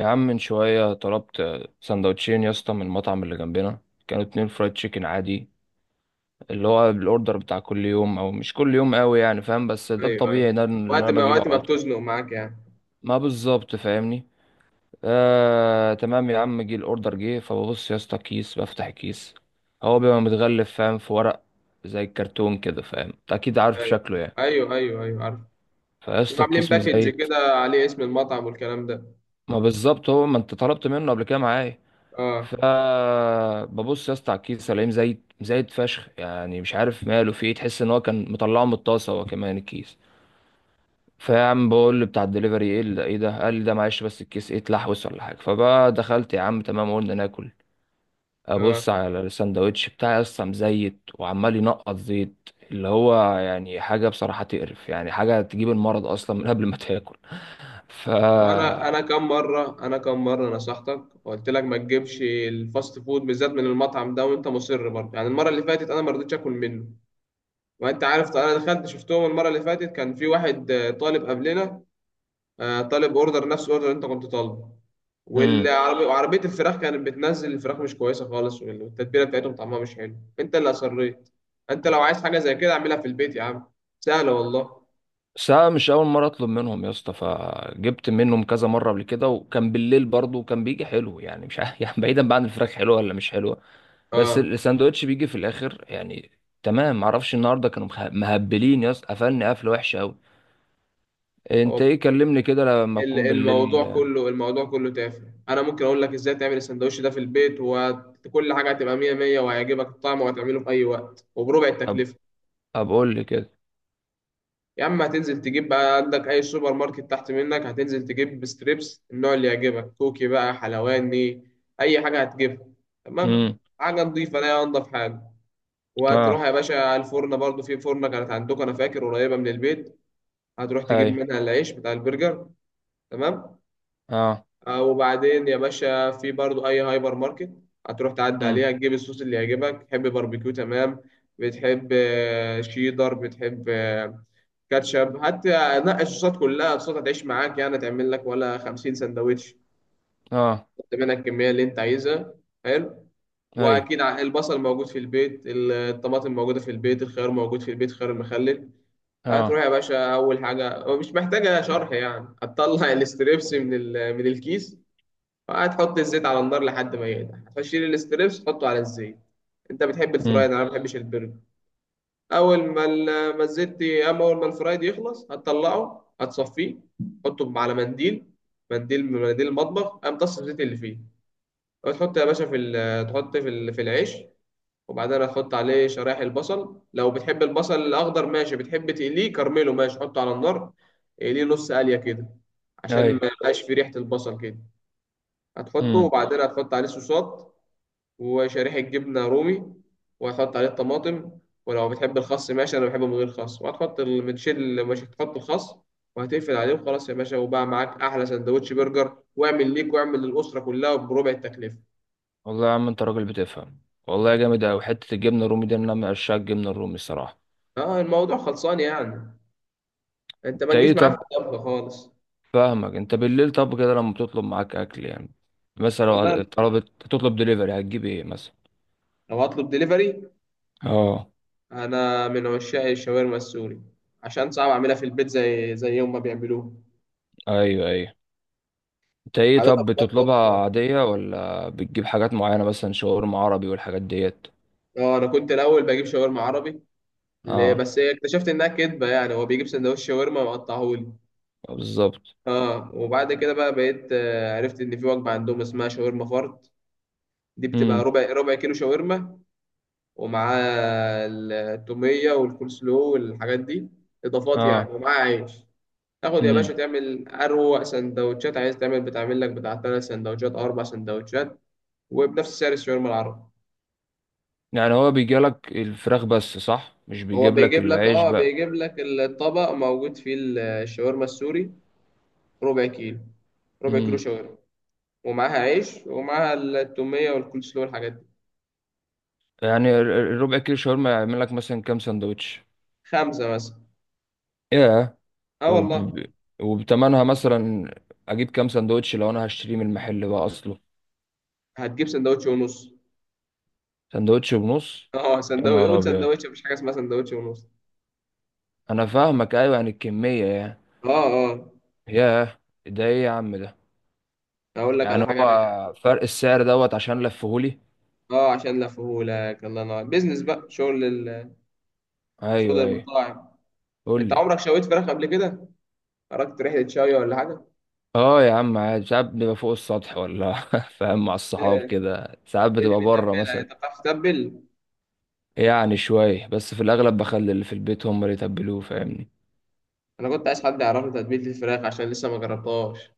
يا عم من شوية طلبت سندوتشين يا اسطى من المطعم اللي جنبنا. كانوا اتنين فرايد تشيكن عادي، اللي هو الاوردر بتاع كل يوم او مش كل يوم قوي يعني، فاهم؟ بس ده ايوه، ايوه. الطبيعي، ده اللي وقت انا ما بجيبه وقت ما على طول. بتزنق معاك يعني. ما بالظبط، فاهمني؟ آه تمام. يا عم جه الاوردر، جه فببص يا اسطى كيس، بفتح الكيس. هو بيبقى متغلف، فاهم؟ في ورق زي الكرتون كده، فاهم؟ انت اكيد عارف ايوه، شكله يعني. ايوه، ايوه. ايوه، عارف. فيا اسطى بيبقوا عاملين الكيس باكج مزيت. كده عليه اسم المطعم والكلام ده. ما بالظبط، هو ما انت طلبت منه قبل كده معايا. اه فببص يا اسطى على الكيس الاقيه زايد زايد فشخ، يعني مش عارف ماله، في ايه؟ تحس ان هو كان مطلعه من الطاسه هو كمان الكيس. فيا عم بقول بتاع الدليفري، ايه ده؟ قال لي ده معلش، بس الكيس ايه، اتلحوس ولا حاجه؟ فبقى دخلت يا عم، تمام، قلنا ناكل. اه. ابص على الساندوتش بتاعي اصلا مزيت وعمال ينقط زيت، اللي هو يعني حاجه بصراحه تقرف، يعني حاجه تجيب المرض اصلا من قبل ما تاكل. ف وانا كم مره نصحتك وقلت لك ما تجيبش الفاست فود بالذات من المطعم ده، وانت مصر برضه يعني. المره اللي فاتت انا ما رضيتش اكل منه، وانت عارف. انا دخلت شفتهم المره اللي فاتت، كان في واحد طالب قبلنا، طالب اوردر نفس الاوردر اللي انت كنت طالبه، امم والعربية وعربية الفراخ كانت بتنزل الفراخ مش كويسة خالص، والتتبيلة بتاعتهم طعمها مش حلو. انت اللي اصريت. انت لو عايز حاجة زي كده اعملها في البيت يا عم، سهلة والله. بس أنا مش أول مرة أطلب منهم يا اسطى، فجبت منهم كذا مرة قبل كده، وكان بالليل برضه وكان بيجي حلو، يعني مش عارف يعني، بعيدا بقى عن الفراخ حلوة ولا مش حلوة، بس اه الساندوتش بيجي في الآخر يعني. تمام معرفش النهاردة كانوا مهبلين يا اسطى، قفلني قفلة وحشة أوي. أنت هو إيه، كلمني كده لما تكون بالليل. الموضوع كله تافه. انا ممكن اقول لك ازاي تعمل السندوتش ده في البيت، وكل حاجة هتبقى مية مية، وهيعجبك الطعم، وهتعمله في اي وقت وبربع أب التكلفة. أقول لي كده. يا عم هتنزل تجيب بقى عندك اي سوبر ماركت تحت منك، هتنزل تجيب ستريبس النوع اللي يعجبك، كوكي بقى، حلواني، اي حاجه هتجيبها. تمام. أمم. حاجه نضيفه، لا انضف حاجه. وهتروح أه. يا باشا على الفرن، برضو في فرنه كانت عندكم انا فاكر قريبه من البيت، هتروح تجيب أي. منها العيش بتاع البرجر. تمام. أه. وبعدين يا باشا في برضو اي هايبر ماركت هتروح تعدي أمم. عليها تجيب الصوص اللي يعجبك. تحب باربيكيو، تمام. بتحب شيدر، بتحب كاتشب، هات. نقي الصوصات كلها. الصوصات هتعيش معاك، يعني تعمل لك ولا 50 سندوتش. أه. حط منها الكميه اللي انت عايزها. حلو. أي. واكيد البصل موجود في البيت، الطماطم موجوده في البيت، الخيار موجود في البيت، خيار المخلل. أه. هتروح يا باشا اول حاجه، هو مش محتاجه شرح يعني، هتطلع الاستريبس من الكيس، وهتحط الزيت على النار لحد ما يقدح، هتشيل الاستريبس تحطه على الزيت. انت بتحب أمم. الفرايد، انا ما بحبش البرجر. اول ما ال- ما الزيت اما اول ما الفرايد يخلص هتطلعه، هتصفيه، تحطه على منديل، منديل من مناديل المطبخ، قام طص الزيت اللي فيه. وتحط يا باشا تحط في العيش، وبعدين هتحط عليه شرايح البصل، لو بتحب البصل الاخضر ماشي، بتحب تقليه كرمله ماشي، حطه على النار، اقليه نص قليه كده، عشان ما أي. يبقاش فيه ريحه البصل كده. هتحطه، وبعدين هتحط عليه صوصات، وشريحة جبنة رومي، وهتحط عليه الطماطم، ولو بتحب الخس ماشي، أنا بحبه من غير خس، وهتحط المتشل، مش هتحط الخس، وهتقفل عليه، وخلاص يا باشا، وبقى معاك أحلى سندوتش برجر. واعمل ليك، واعمل للأسرة كلها بربع التكلفة. والله يا عم انت راجل بتفهم، والله جامد اوي. حته الجبنه الرومي دي، انا من عشاق الجبنه الرومي الصراحه. اه، الموضوع خلصان يعني. انت ما انت تجيش ايه معايا في طب؟ الطبخ خالص. فاهمك. انت بالليل طب كده لما بتطلب معاك اكل يعني، مثلا والله لو طلبت تطلب دليفري هتجيب ايه مثلا؟ لو هطلب دليفري، اه. انا من عشاق الشاورما السوري، عشان صعب اعملها في البيت زي يوم ما بيعملوها. ايوه ايوه. انت ايه عادة طب، بتطلبها بطلب، عاديه ولا بتجيب حاجات معينه، مثلا شاورما عربي والحاجات ديت؟ اه، انا كنت الاول بجيب شاورما عربي، ليه اه. بس اكتشفت انها كدبه يعني، هو بيجيب سندوتش شاورما مقطعهولي. بالظبط. اه. وبعد كده بقى بقيت عرفت ان في وجبه عندهم اسمها شاورما فرد. دي بتبقى امم. ربع كيلو شاورما، ومعاه التوميه والكول سلو والحاجات دي، اضافات يعني، اه. ومعاه عيش. تاخد يا باشا امم. تعمل اروق سندوتشات، عايز تعمل بتعمل لك بتاع ثلاث سندوتشات او اربع سندوتشات، وبنفس سعر الشاورما العربي. يعني هو بيجيلك الفراخ بس صح، مش هو بيجيب لك بيجيب لك، العيش اه، بقى؟ بيجيب لك الطبق موجود فيه الشاورما السوري، ربع كيلو، ربع كيلو امم. شاورما، ومعاها عيش، ومعاها التومية والكولسلو والحاجات دي. يعني الربع كيلو شاورما يعمل لك مثلا كام سندوتش؟ خمسة مثلا. ياه. اه، وب... والله. وبتمنها مثلا اجيب كام سندوتش لو انا هشتريه من المحل بقى اصله؟ هتجيب سندوتش ونص سندوتش ونص؟ اه يا سندوتش، نهار يقول ابيض. سندوتش، مفيش حاجة اسمها سندوتش ونص. انا فاهمك، ايوه يعني الكميه يعني. اه، اه. ياه، ده ايه يا عم ده؟ هقول لك على يعني حاجة رايقة. هو فرق السعر دوت عشان لفهولي؟ اه، عشان لفهولك. الله ينور بيزنس بقى، شغل ال... شغل ايوه ايوه. المطاعم. قول انت لي. عمرك شويت فراخ قبل كده؟ خرجت رحلة شوي ولا حاجة؟ اه يا عم عادي، ساعات بيبقى فوق السطح ولا فاهم، مع الصحاب كده ساعات مين اللي بتبقى بره بيتبلها؟ مثلا. انت بتعرف تتبل؟ يعني شوية بس، في الأغلب بخلي اللي في البيت هم اللي يتبلوه، فاهمني؟ انا كنت عايز حد يعرفني تتبيلة الفراخ عشان لسه ما جربتهاش.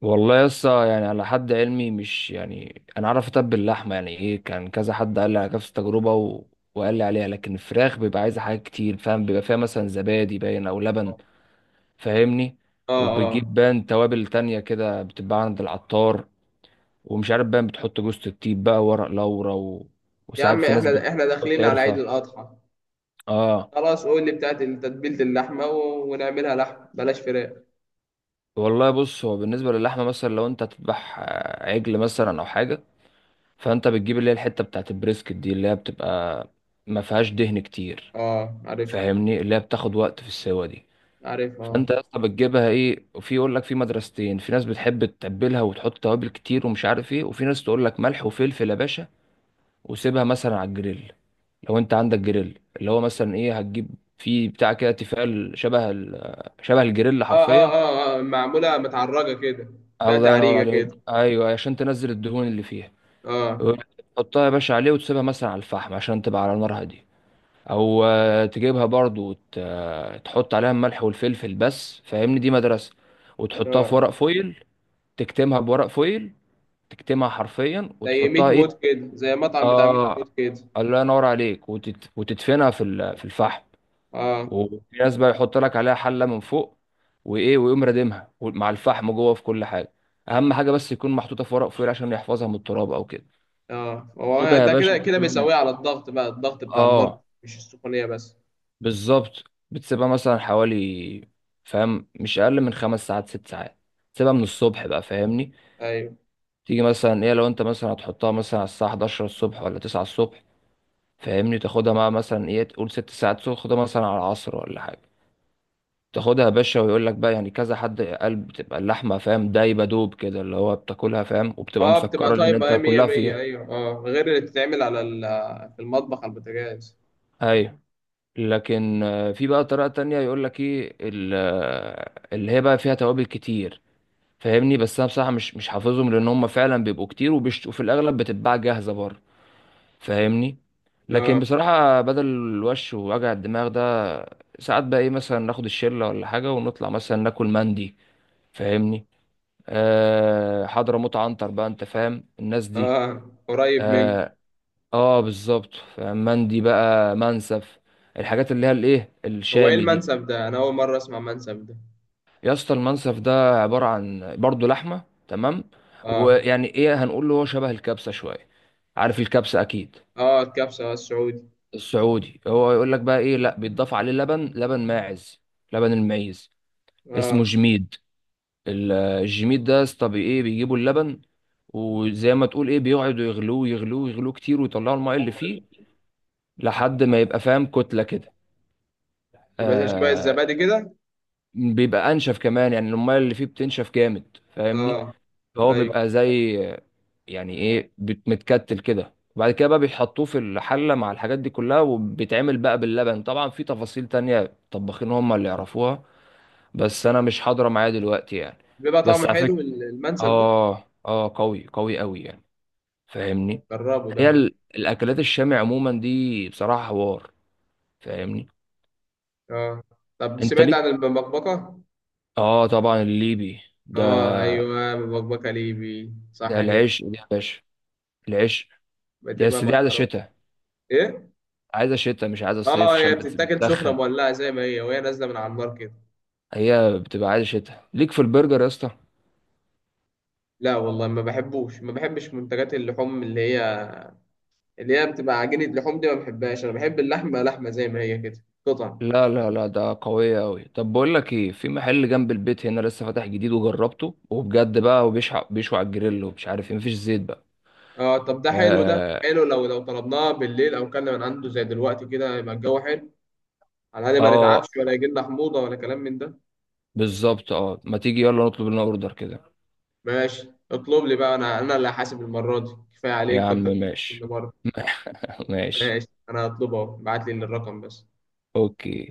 والله يسا يعني، على حد علمي، مش يعني أنا أعرف أتبل لحمة يعني إيه، كان كذا حد قال لي على نفس التجربة وقال لي عليها، لكن الفراخ بيبقى عايزة حاجات كتير، فاهم؟ بيبقى فيها مثلا زبادي باين أو لبن، فاهمني؟ اه. وبتجيب اه، باين توابل تانية كده بتتباع عند العطار، ومش عارف باين بتحط جوز الطيب بقى، ورق لورا يا وساعات عم في ناس احنا بتحط احنا داخلين على عيد قرفة. الاضحى. اه. خلاص قول لي بتاعت تتبيلة اللحمة، و... ونعملها لحم، بلاش فراخ. والله بص، هو بالنسبة للحمة مثلا لو انت هتذبح عجل مثلا او حاجة، فانت بتجيب اللي هي الحتة بتاعت البريسكت دي، اللي هي بتبقى ما فيهاش دهن كتير، اه، عارف. فاهمني؟ اللي هي بتاخد وقت في السوا دي. عارف، اه. فانت يا اسطى بتجيبها ايه، وفي يقول لك في مدرستين، في ناس بتحب تتبلها وتحط توابل كتير ومش عارف ايه، وفي ناس تقول لك ملح وفلفل يا باشا، وسيبها مثلا على الجريل. لو انت عندك جريل اللي هو مثلا ايه، هتجيب في بتاع كده تيفال شبه شبه الجريل اه، اه. حرفيا. اه، آه. معمولة متعرجة كده، فيها الله ينور تعريجة عليك، كده. ايوه أيوة، عشان تنزل الدهون اللي فيها. اه. تحطها يا باشا عليه وتسيبها مثلا على الفحم عشان تبقى على نار هاديه. او تجيبها برضو وت... آه، تحط عليها الملح والفلفل بس، فاهمني؟ دي مدرسه. وتحطها في اه، ورق فويل، تكتمها بورق فويل، تكتمها حرفيا زي ميت وتحطها ايه. موت كده، زي مطعم بتاع ميت اه. موت كده. الله ينور عليك. وتدفنها في في الفحم. اه. وفي ناس بقى يحط لك عليها حله من فوق وايه، ويقوم رادمها مع الفحم جوه في كل حاجه. اهم حاجه بس يكون محطوطه في ورق فويل عشان يحفظها من التراب او كده. اه، هو تبقى يا ده باشا كده كده مثلا، بيسويه على الضغط بقى، الضغط بتاع النار، اه مش السخونية بس. بالظبط، بتسيبها مثلا حوالي، فاهم، مش اقل من خمس ساعات ست ساعات. تسيبها من الصبح بقى، فاهمني؟ ايوه. تيجي مثلا ايه، لو انت مثلا هتحطها مثلا على الساعه 11 الصبح ولا 9 الصبح، فاهمني؟ تاخدها مع مثلا ايه، تقول ست ساعات، تاخدها مثلا على العصر ولا حاجه. تاخدها يا باشا، ويقول لك بقى، يعني كذا حد قال بتبقى اللحمه، فاهم، دايبه دوب كده، اللي هو بتاكلها، فاهم، وبتبقى اه، بتبقى مسكره لان طيبة انت ايه، مية كلها مية، فيها. ايوه. اه، غير اللي بتتعمل على ال... في المطبخ على البوتاجاز. ايوه. لكن في بقى طريقه تانية، يقول لك ايه اللي هي بقى فيها توابل كتير، فاهمني؟ بس انا بصراحه مش حافظهم، لان هم فعلا بيبقوا كتير وفي الاغلب بتتباع جاهزه بره، فاهمني؟ لكن اه. بصراحه بدل الوش ووجع الدماغ ده، ساعات بقى ايه مثلا، ناخد الشله ولا حاجه ونطلع مثلا ناكل مندي، فاهمني؟ آه حضرموت عنتر بقى، انت فاهم الناس دي. اه، قريب منك. اه. آه بالظبط، فاهم؟ مندي بقى، منسف، الحاجات اللي هي الايه، هو ايه الشامي دي. المنسف ده؟ انا اول مره اسمع منسف ده. يا اسطى المنسف ده عبارة عن برضه لحمة، تمام؟ اه. ويعني ايه هنقول له، هو شبه الكبسة شوية، عارف الكبسة اكيد. اه، الكبسه، السعودي. السعودي. هو يقول لك بقى ايه، لا، بيتضاف عليه لبن، لبن ماعز، لبن المعيز، اسمه اه، جميد. الجميت ده يا اسطى ايه، بيجيبوا اللبن وزي ما تقول ايه بيقعدوا يغلوه يغلوه يغلوه كتير ويطلعوا الماء اللي فيه لحد ما يبقى، فاهم، كتلة كده. يبقى زي شبه آه. الزبادي كده. بيبقى انشف كمان، يعني الماء اللي فيه بتنشف جامد، فاهمني؟ اه. فهو ايوه. بيبقى زي يعني ايه، متكتل كده، وبعد كده بقى بيحطوه في الحلة مع الحاجات دي كلها وبيتعمل بقى باللبن. طبعا في تفاصيل تانية طباخين هم اللي يعرفوها، بس انا مش حاضرة معايا دلوقتي يعني. بيبقى طعمه بس على فكرة، حلو المنسف ده؟ اه اه قوي قوي قوي يعني، فاهمني؟ جربه ده. هي الاكلات الشامي عموما دي بصراحه حوار، فاهمني؟ اه. طب انت سمعت ليك؟ عن المبكبكه؟ اه طبعا، الليبي ده. اه، ايوه، مبكبكه ليبي ده صح كده. العيش دي يا باشا، العيش دي، بتبقى بس دي عايزه مكرونه. شتاء. ايه. عايزه شتاء، مش عايزه صيف، اه، هي عشان بتتاكل سخنه بتدخن. مولعه زي ما هي، وهي نازله من على النار كده. هي بتبقى عايزه شتاء. ليك في البرجر يا اسطى؟ لا والله، ما بحبوش. ما بحبش منتجات اللحوم اللي هي اللي هي بتبقى عجينه لحوم دي، ما بحبهاش. انا بحب اللحمه لحمه زي ما هي كده، قطع. لا لا لا، ده قوية أوي. طب بقول لك إيه، في محل جنب البيت هنا لسه فاتح جديد، وجربته وبجد بقى، وبيشوي بيشوي على الجريل ومش عارف إيه، مفيش زيت بقى. اه، طب ده حلو. ده آه. حلو لو طلبناه بالليل، او كنا من عنده زي دلوقتي كده، يبقى الجو حلو. على الاقل ما آه نتعبش، ولا يجي لنا حموضه ولا كلام من ده. بالظبط آه، ما تيجي يلا نطلب لنا أوردر كده. ماشي، اطلب لي بقى، انا اللي هحاسب المره دي، كفايه يا عليك عم كنت بتحاسب كل ماشي. مره. ماشي. ماشي، انا هطلبه، اهو ابعت لي الرقم بس. اوكي.